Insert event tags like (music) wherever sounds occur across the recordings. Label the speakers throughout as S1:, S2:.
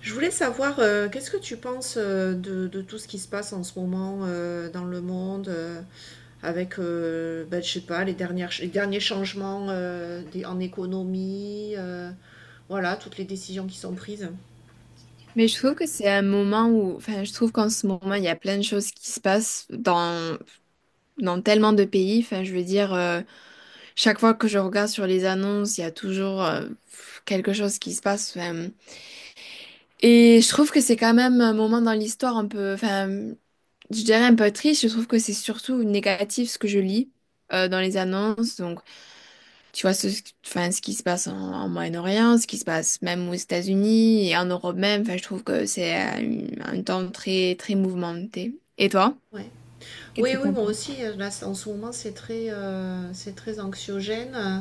S1: Je voulais savoir, qu'est-ce que tu penses de tout ce qui se passe en ce moment dans le monde avec, ben, je sais pas, les derniers changements en économie, voilà, toutes les décisions qui sont prises.
S2: Mais je trouve que c'est un moment où, enfin, je trouve qu'en ce moment, il y a plein de choses qui se passent dans tellement de pays. Enfin, je veux dire, chaque fois que je regarde sur les annonces, il y a toujours quelque chose qui se passe. Enfin, et je trouve que c'est quand même un moment dans l'histoire un peu, enfin, je dirais un peu triste. Je trouve que c'est surtout négatif ce que je lis dans les annonces. Donc, tu vois, ce, enfin, ce qui se passe en Moyen-Orient, ce qui se passe même aux États-Unis et en Europe même, enfin, je trouve que c'est un temps très, très mouvementé. Et toi?
S1: Ouais.
S2: Qu'est-ce
S1: Oui,
S2: que
S1: oui,
S2: t'en
S1: moi
S2: penses?
S1: aussi, là, en ce moment, c'est très anxiogène.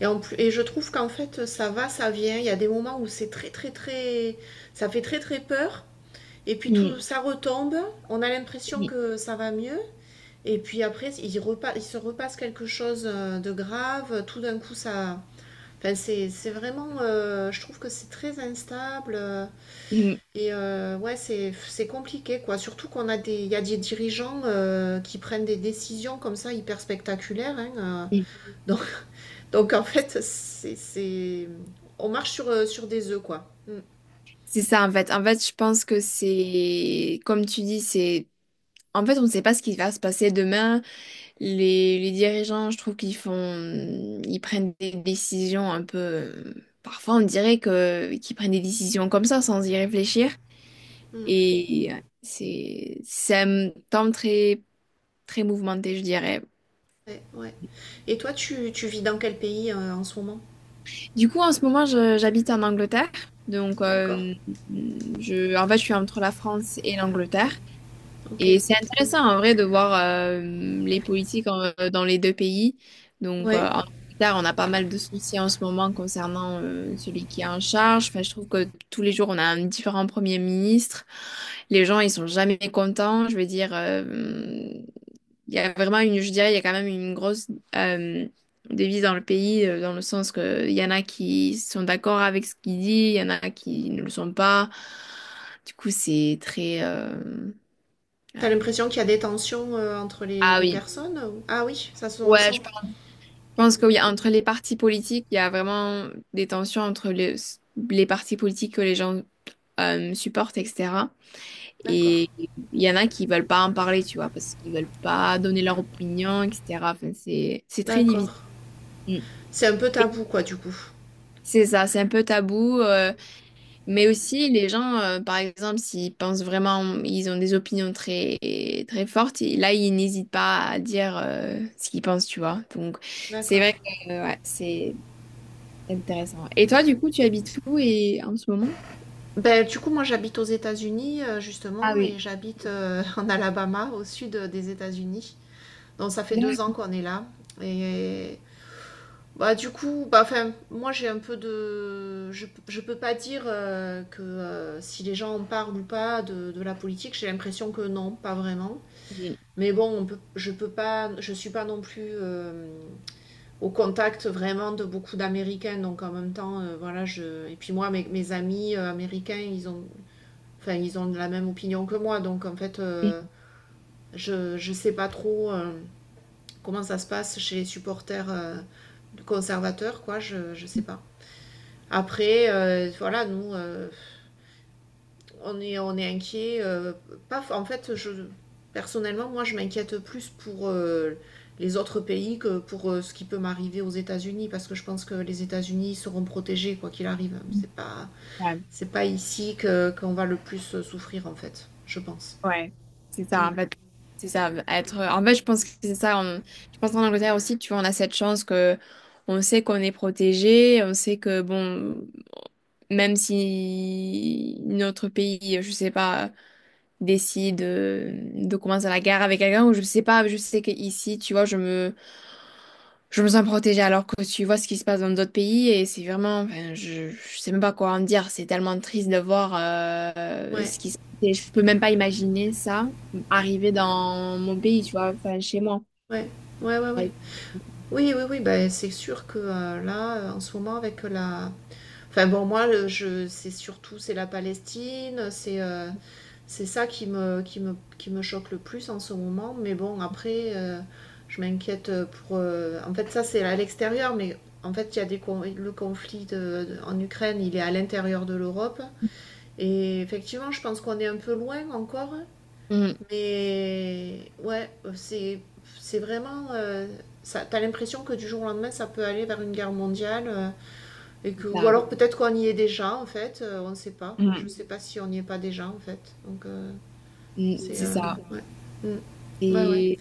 S1: Et, en plus, et je trouve qu'en fait, ça va, ça vient. Il y a des moments où c'est très, très, très, ça fait très, très peur. Et puis tout,
S2: Mm,
S1: ça retombe. On a l'impression
S2: mm,
S1: que ça va mieux. Et puis après, il se repasse quelque chose de grave. Tout d'un coup, ça. Enfin, c'est vraiment. Je trouve que c'est très instable.
S2: mm,
S1: Et ouais, c'est compliqué, quoi. Surtout il y a des dirigeants qui prennent des décisions comme ça hyper spectaculaires, hein.
S2: mm.
S1: euh. donc, donc en fait, on marche sur des œufs, quoi. Mm,
S2: C'est ça, en fait. En fait, je pense que c'est, comme tu dis, c'est, en fait, on ne sait pas ce qui va se passer demain. Les dirigeants, je trouve qu'ils font, ils prennent des décisions un peu, parfois, on dirait que, qu'ils prennent des décisions comme ça, sans y réfléchir.
S1: mm.
S2: Et c'est un temps très très mouvementé, je dirais.
S1: Ouais, ouais. Et toi, tu vis dans quel pays en ce moment?
S2: Du coup, en ce moment, j'habite en Angleterre. Donc,
S1: D'accord.
S2: je, en fait, je suis entre la France et l'Angleterre.
S1: Ok.
S2: Et c'est intéressant, en vrai, de voir les politiques dans les deux pays. Donc,
S1: Ouais.
S2: en Angleterre, on a pas mal de soucis en ce moment concernant celui qui est en charge. Enfin, je trouve que tous les jours, on a un différent premier ministre. Les gens, ils sont jamais contents. Je veux dire, il y a vraiment une, je dirais, il y a quand même une grosse euh, devise dans le pays, dans le sens que il y en a qui sont d'accord avec ce qu'il dit, il y en a qui ne le sont pas. Du coup, c'est très...
S1: T'as
S2: ouais.
S1: l'impression qu'il y a des tensions entre les,
S2: Ah
S1: les
S2: oui.
S1: personnes Ah oui, ça se
S2: Ouais,
S1: ressent.
S2: je pense
S1: Mm.
S2: que oui, entre les partis politiques, il y a vraiment des tensions entre les partis politiques que les gens supportent, etc.
S1: D'accord.
S2: Et il y en a qui veulent pas en parler, tu vois, parce qu'ils veulent pas donner leur opinion, etc. Enfin, c'est très
S1: D'accord.
S2: difficile. Mm.
S1: C'est un peu tabou, quoi, du coup.
S2: C'est ça, c'est un peu tabou, mais aussi les gens, par exemple, s'ils pensent vraiment, ils ont des opinions très très fortes, et là, ils n'hésitent pas à dire ce qu'ils pensent, tu vois. Donc, c'est
S1: D'accord.
S2: vrai que ouais, c'est intéressant. Et toi, du coup, tu habites où et en ce moment?
S1: Ben, du coup, moi, j'habite aux États-Unis,
S2: Ah
S1: justement, et
S2: oui.
S1: j'habite (laughs) en Alabama, au sud des États-Unis. Donc, ça fait 2 ans qu'on est là. Et bah, du coup, bah, enfin, moi, j'ai un peu de… Je peux pas dire que si les gens en parlent ou pas de la politique, j'ai l'impression que non, pas vraiment.
S2: D'accord.
S1: Mais bon, je peux pas, je suis pas non plus au contact vraiment de beaucoup d'Américains, donc en même temps, voilà, je. Et puis moi, mes amis américains, enfin, ils ont la même opinion que moi, donc en fait, je sais pas trop comment ça se passe chez les supporters conservateurs, quoi, je sais pas. Après, voilà, nous, on est inquiet. Pas, en fait, je, personnellement, moi, je m'inquiète plus pour les autres pays que pour ce qui peut m'arriver aux États-Unis, parce que je pense que les États-Unis seront protégés quoi qu'il arrive. C'est pas ici qu'on va le plus souffrir, en fait, je pense.
S2: Ouais, c'est
S1: Mm.
S2: ça, en fait. C'est ça, être... En fait, je pense que c'est ça. Je pense qu'en Angleterre aussi, tu vois, on a cette chance que on sait qu'on est protégé, on sait que, bon, même si notre pays, je sais pas décide de commencer la guerre avec quelqu'un ou je sais pas, je sais qu'ici, tu vois, je me sens protégée alors que tu vois ce qui se passe dans d'autres pays et c'est vraiment, enfin, je sais même pas quoi en dire, c'est tellement triste de voir
S1: Ouais,
S2: ce qui se passe et je peux même pas imaginer ça arriver dans mon pays, tu vois, enfin chez moi.
S1: ouais, ouais, ouais, ouais. Oui, oui, oui, ben, c'est sûr que là, en ce moment, avec la… Enfin bon, moi, c'est surtout, c'est la Palestine, c'est… C'est ça qui me choque le plus en ce moment. Mais bon, après, je m'inquiète pour. En fait, ça, c'est à l'extérieur, mais en fait, il y a des le conflit en Ukraine, il est à l'intérieur de l'Europe. Et effectivement, je pense qu'on est un peu loin encore.
S2: Mm,
S1: Mais ouais, c'est, c'est vraiment. Ça, t'as l'impression que du jour au lendemain, ça peut aller vers une guerre mondiale.
S2: c'est
S1: Ou
S2: ça.
S1: alors peut-être qu'on y est déjà, en fait. On ne sait pas. Je
S2: Mm,
S1: ne sais pas si on n'y est pas déjà, en fait. Donc. C'est.
S2: c'est ça.
S1: Ouais. Mm. Ouais, ouais.
S2: Et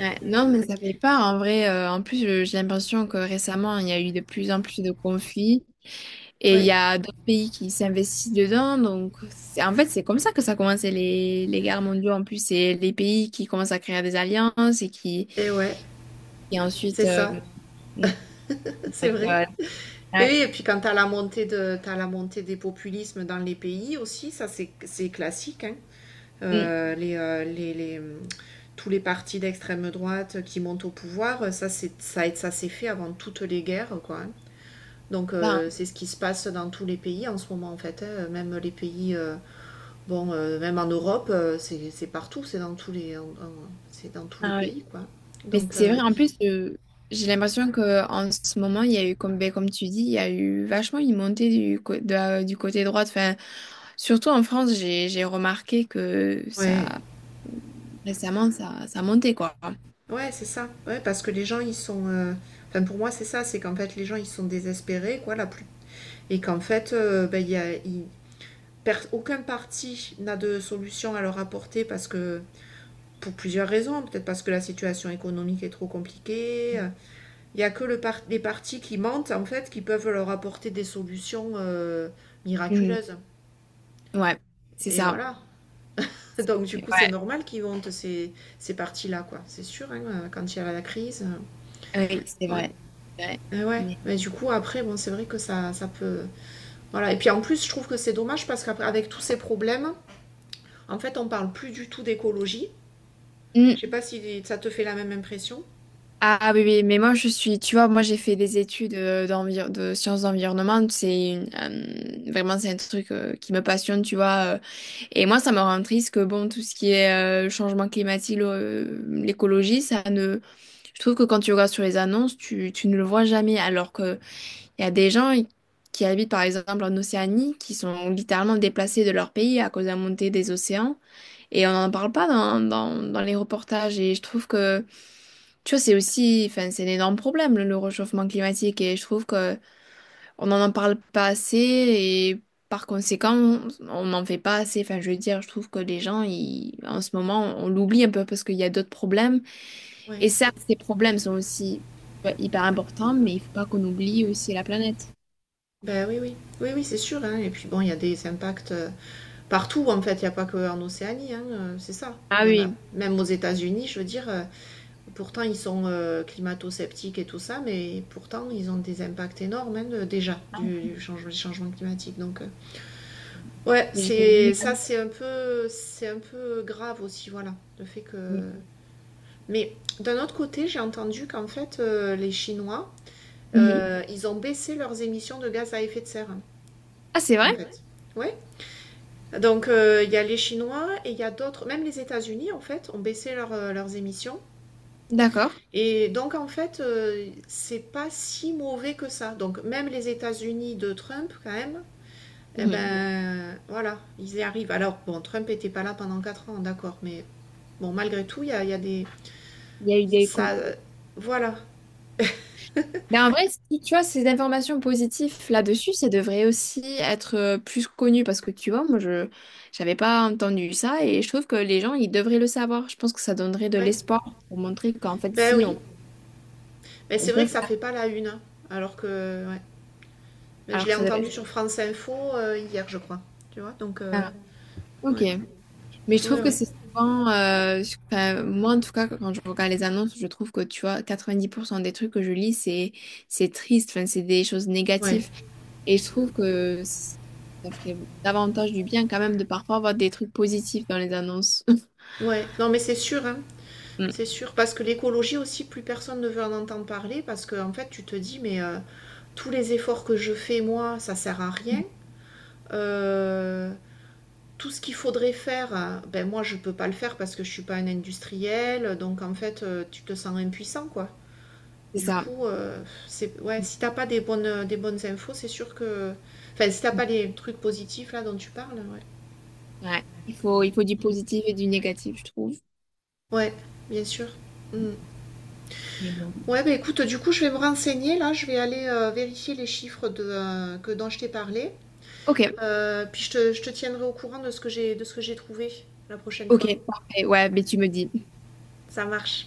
S2: ouais, non, mais ça fait pas en vrai. En plus, j'ai l'impression que récemment, il y a eu de plus en plus de conflits. Et il y
S1: Ouais.
S2: a d'autres pays qui s'investissent dedans. Donc, en fait, c'est comme ça que ça commence les guerres mondiales. En plus, c'est les pays qui commencent à créer des alliances et qui,
S1: Et ouais,
S2: et ensuite.
S1: c'est ça,
S2: Mm,
S1: (laughs) c'est
S2: donc,
S1: vrai. Et
S2: ouais,
S1: oui, et puis quand t'as la montée des populismes dans les pays aussi, c'est classique, hein.
S2: mm,
S1: Euh, les, euh, les, les, hum, Tous les partis d'extrême droite qui montent au pouvoir, ça s'est fait avant toutes les guerres, quoi, hein. Donc
S2: ça,
S1: c'est ce qui se passe dans tous les pays en ce moment en fait, hein, même les pays Bon, même en Europe, c'est partout, c'est dans tous les
S2: ah oui.
S1: pays, quoi.
S2: Mais
S1: Donc,
S2: c'est vrai, en plus, j'ai l'impression qu'en ce moment, il y a eu, comme, ben, comme tu dis, il y a eu vachement une montée du, co- de- la- du côté droit. Enfin, surtout en France, j'ai remarqué que
S1: ouais,
S2: ça, récemment, ça montait, quoi.
S1: ouais, c'est ça. Ouais, parce que les gens, ils sont. Enfin, pour moi, c'est ça, c'est qu'en fait, les gens, ils sont désespérés, quoi, la plus. Et qu'en fait, ben, il y a, il- per- aucun parti n'a de solution à leur apporter parce que. Pour plusieurs raisons, peut-être parce que la situation économique est trop compliquée. Il y a que les partis qui mentent, en fait, qui peuvent leur apporter des solutions
S2: Mm.
S1: miraculeuses.
S2: Ouais, c'est
S1: Et
S2: ça.
S1: voilà. Donc du coup, c'est
S2: Ouais,
S1: normal qu'ils montent ces parties-là, quoi. C'est sûr, hein, quand il y a la crise.
S2: oui, c'est
S1: Ouais.
S2: vrai. c'est vrai.
S1: Et ouais.
S2: Mais-
S1: Mais du coup, après, bon, c'est vrai que ça peut… Voilà. Et puis en plus, je trouve que c'est dommage parce qu'avec tous ces problèmes, en fait, on ne parle plus du tout d'écologie. Je ne
S2: Mm.
S1: sais pas si ça te fait la même impression.
S2: Ah oui, oui, mais moi je suis, tu vois, moi j'ai fait des études de sciences d'environnement, c'est une, vraiment c'est un truc qui me passionne, tu vois. Et moi ça me rend triste que bon, tout ce qui est changement climatique, l'écologie, ça ne... Je trouve que quand tu regardes sur les annonces, tu ne le vois jamais, alors qu'il y a des gens qui habitent par exemple en Océanie, qui sont littéralement déplacés de leur pays à cause de la montée des océans. Et on n'en parle pas dans les reportages. Et je trouve que, tu vois, c'est aussi, enfin, c'est un énorme problème, le réchauffement climatique. Et je trouve que on n'en parle pas assez. Et par conséquent, on n'en fait pas assez. Enfin, je veux dire, je trouve que les gens, ils, en ce moment, on l'oublie un peu parce qu'il y a d'autres problèmes.
S1: Ouais.
S2: Et certes, ces problèmes sont aussi tu vois, hyper importants, mais il faut pas qu'on oublie aussi la planète.
S1: Ben oui, oui. Oui, oui, c'est sûr, hein. Et puis bon, il y a des impacts partout, en fait. Il n'y a pas qu'en Océanie, hein, c'est ça.
S2: Ah
S1: Il y en a
S2: oui,
S1: même aux États-Unis, je veux dire, pourtant, ils sont climato-sceptiques et tout ça, mais pourtant, ils ont des impacts énormes, hein, déjà changement climatique. Donc, ouais,
S2: mais j'ai
S1: c'est
S2: vu.
S1: ça, c'est un peu grave aussi, voilà, le fait que. Mais d'un autre côté, j'ai entendu qu'en fait, les Chinois,
S2: Mhm.
S1: ils ont baissé leurs émissions de gaz à effet de serre, hein,
S2: Ah, c'est vrai?
S1: en c'est fait. Oui, donc il y a les Chinois et il y a d'autres, même les États-Unis en fait, ont baissé leurs émissions.
S2: D'accord.
S1: Et donc en fait, c'est pas si mauvais que ça. Donc même les États-Unis de Trump, quand même, eh
S2: Mhm.
S1: ben voilà, ils y arrivent. Alors bon, Trump était pas là pendant 4 ans, d'accord, mais bon, malgré tout, il y a des.
S2: Il y a eu des, co-
S1: Ça, voilà.
S2: Mais en vrai, si tu as ces informations positives là-dessus, ça devrait aussi être plus connu parce que tu vois, moi, je j'avais pas entendu ça et je trouve que les gens, ils devraient le savoir. Je pense que ça donnerait de
S1: Ouais.
S2: l'espoir pour montrer qu'en fait,
S1: Ben
S2: si
S1: oui,
S2: on,
S1: mais
S2: on
S1: c'est vrai
S2: peut
S1: que ça
S2: faire,
S1: fait pas la une, hein. Alors que ouais. Ben, je
S2: alors
S1: l'ai
S2: que ça devrait.
S1: entendu sur France Info hier, je crois. Tu vois, donc
S2: Ah, ok.
S1: ouais,
S2: Mais je
S1: ouais,
S2: trouve que
S1: ouais,
S2: c'est souvent, enfin, moi en tout cas, quand je regarde les annonces, je trouve que tu vois, 90% des trucs que je lis, c'est triste, enfin, c'est des choses
S1: ouais,
S2: négatives. Et je trouve que ça ferait davantage du bien quand même de parfois avoir des trucs positifs dans les annonces. (laughs)
S1: ouais. Non, mais c'est sûr, hein.
S2: Mm,
S1: C'est sûr, parce que l'écologie aussi, plus personne ne veut en entendre parler, parce que en fait, tu te dis, mais tous les efforts que je fais, moi, ça sert à rien. Euh, Tout ce qu'il faudrait faire, ben moi, je peux pas le faire parce que je suis pas un industriel, donc en fait, tu te sens impuissant, quoi.
S2: c'est
S1: Du
S2: ça.
S1: coup, c'est ouais, si t'as pas des bonnes infos, c'est sûr que, enfin, si t'as pas les trucs positifs là dont tu parles, ouais.
S2: Ouais. Il faut du positif et du négatif, je trouve.
S1: Ouais, bien sûr. Mm.
S2: Mais bon.
S1: Ouais, bah écoute, du coup, je vais me renseigner là, je vais aller vérifier les chiffres dont je t'ai parlé.
S2: Ok,
S1: Puis je te tiendrai au courant de ce que j'ai trouvé la prochaine
S2: ok,
S1: fois.
S2: parfait. Ouais, mais tu me dis.
S1: Ça marche.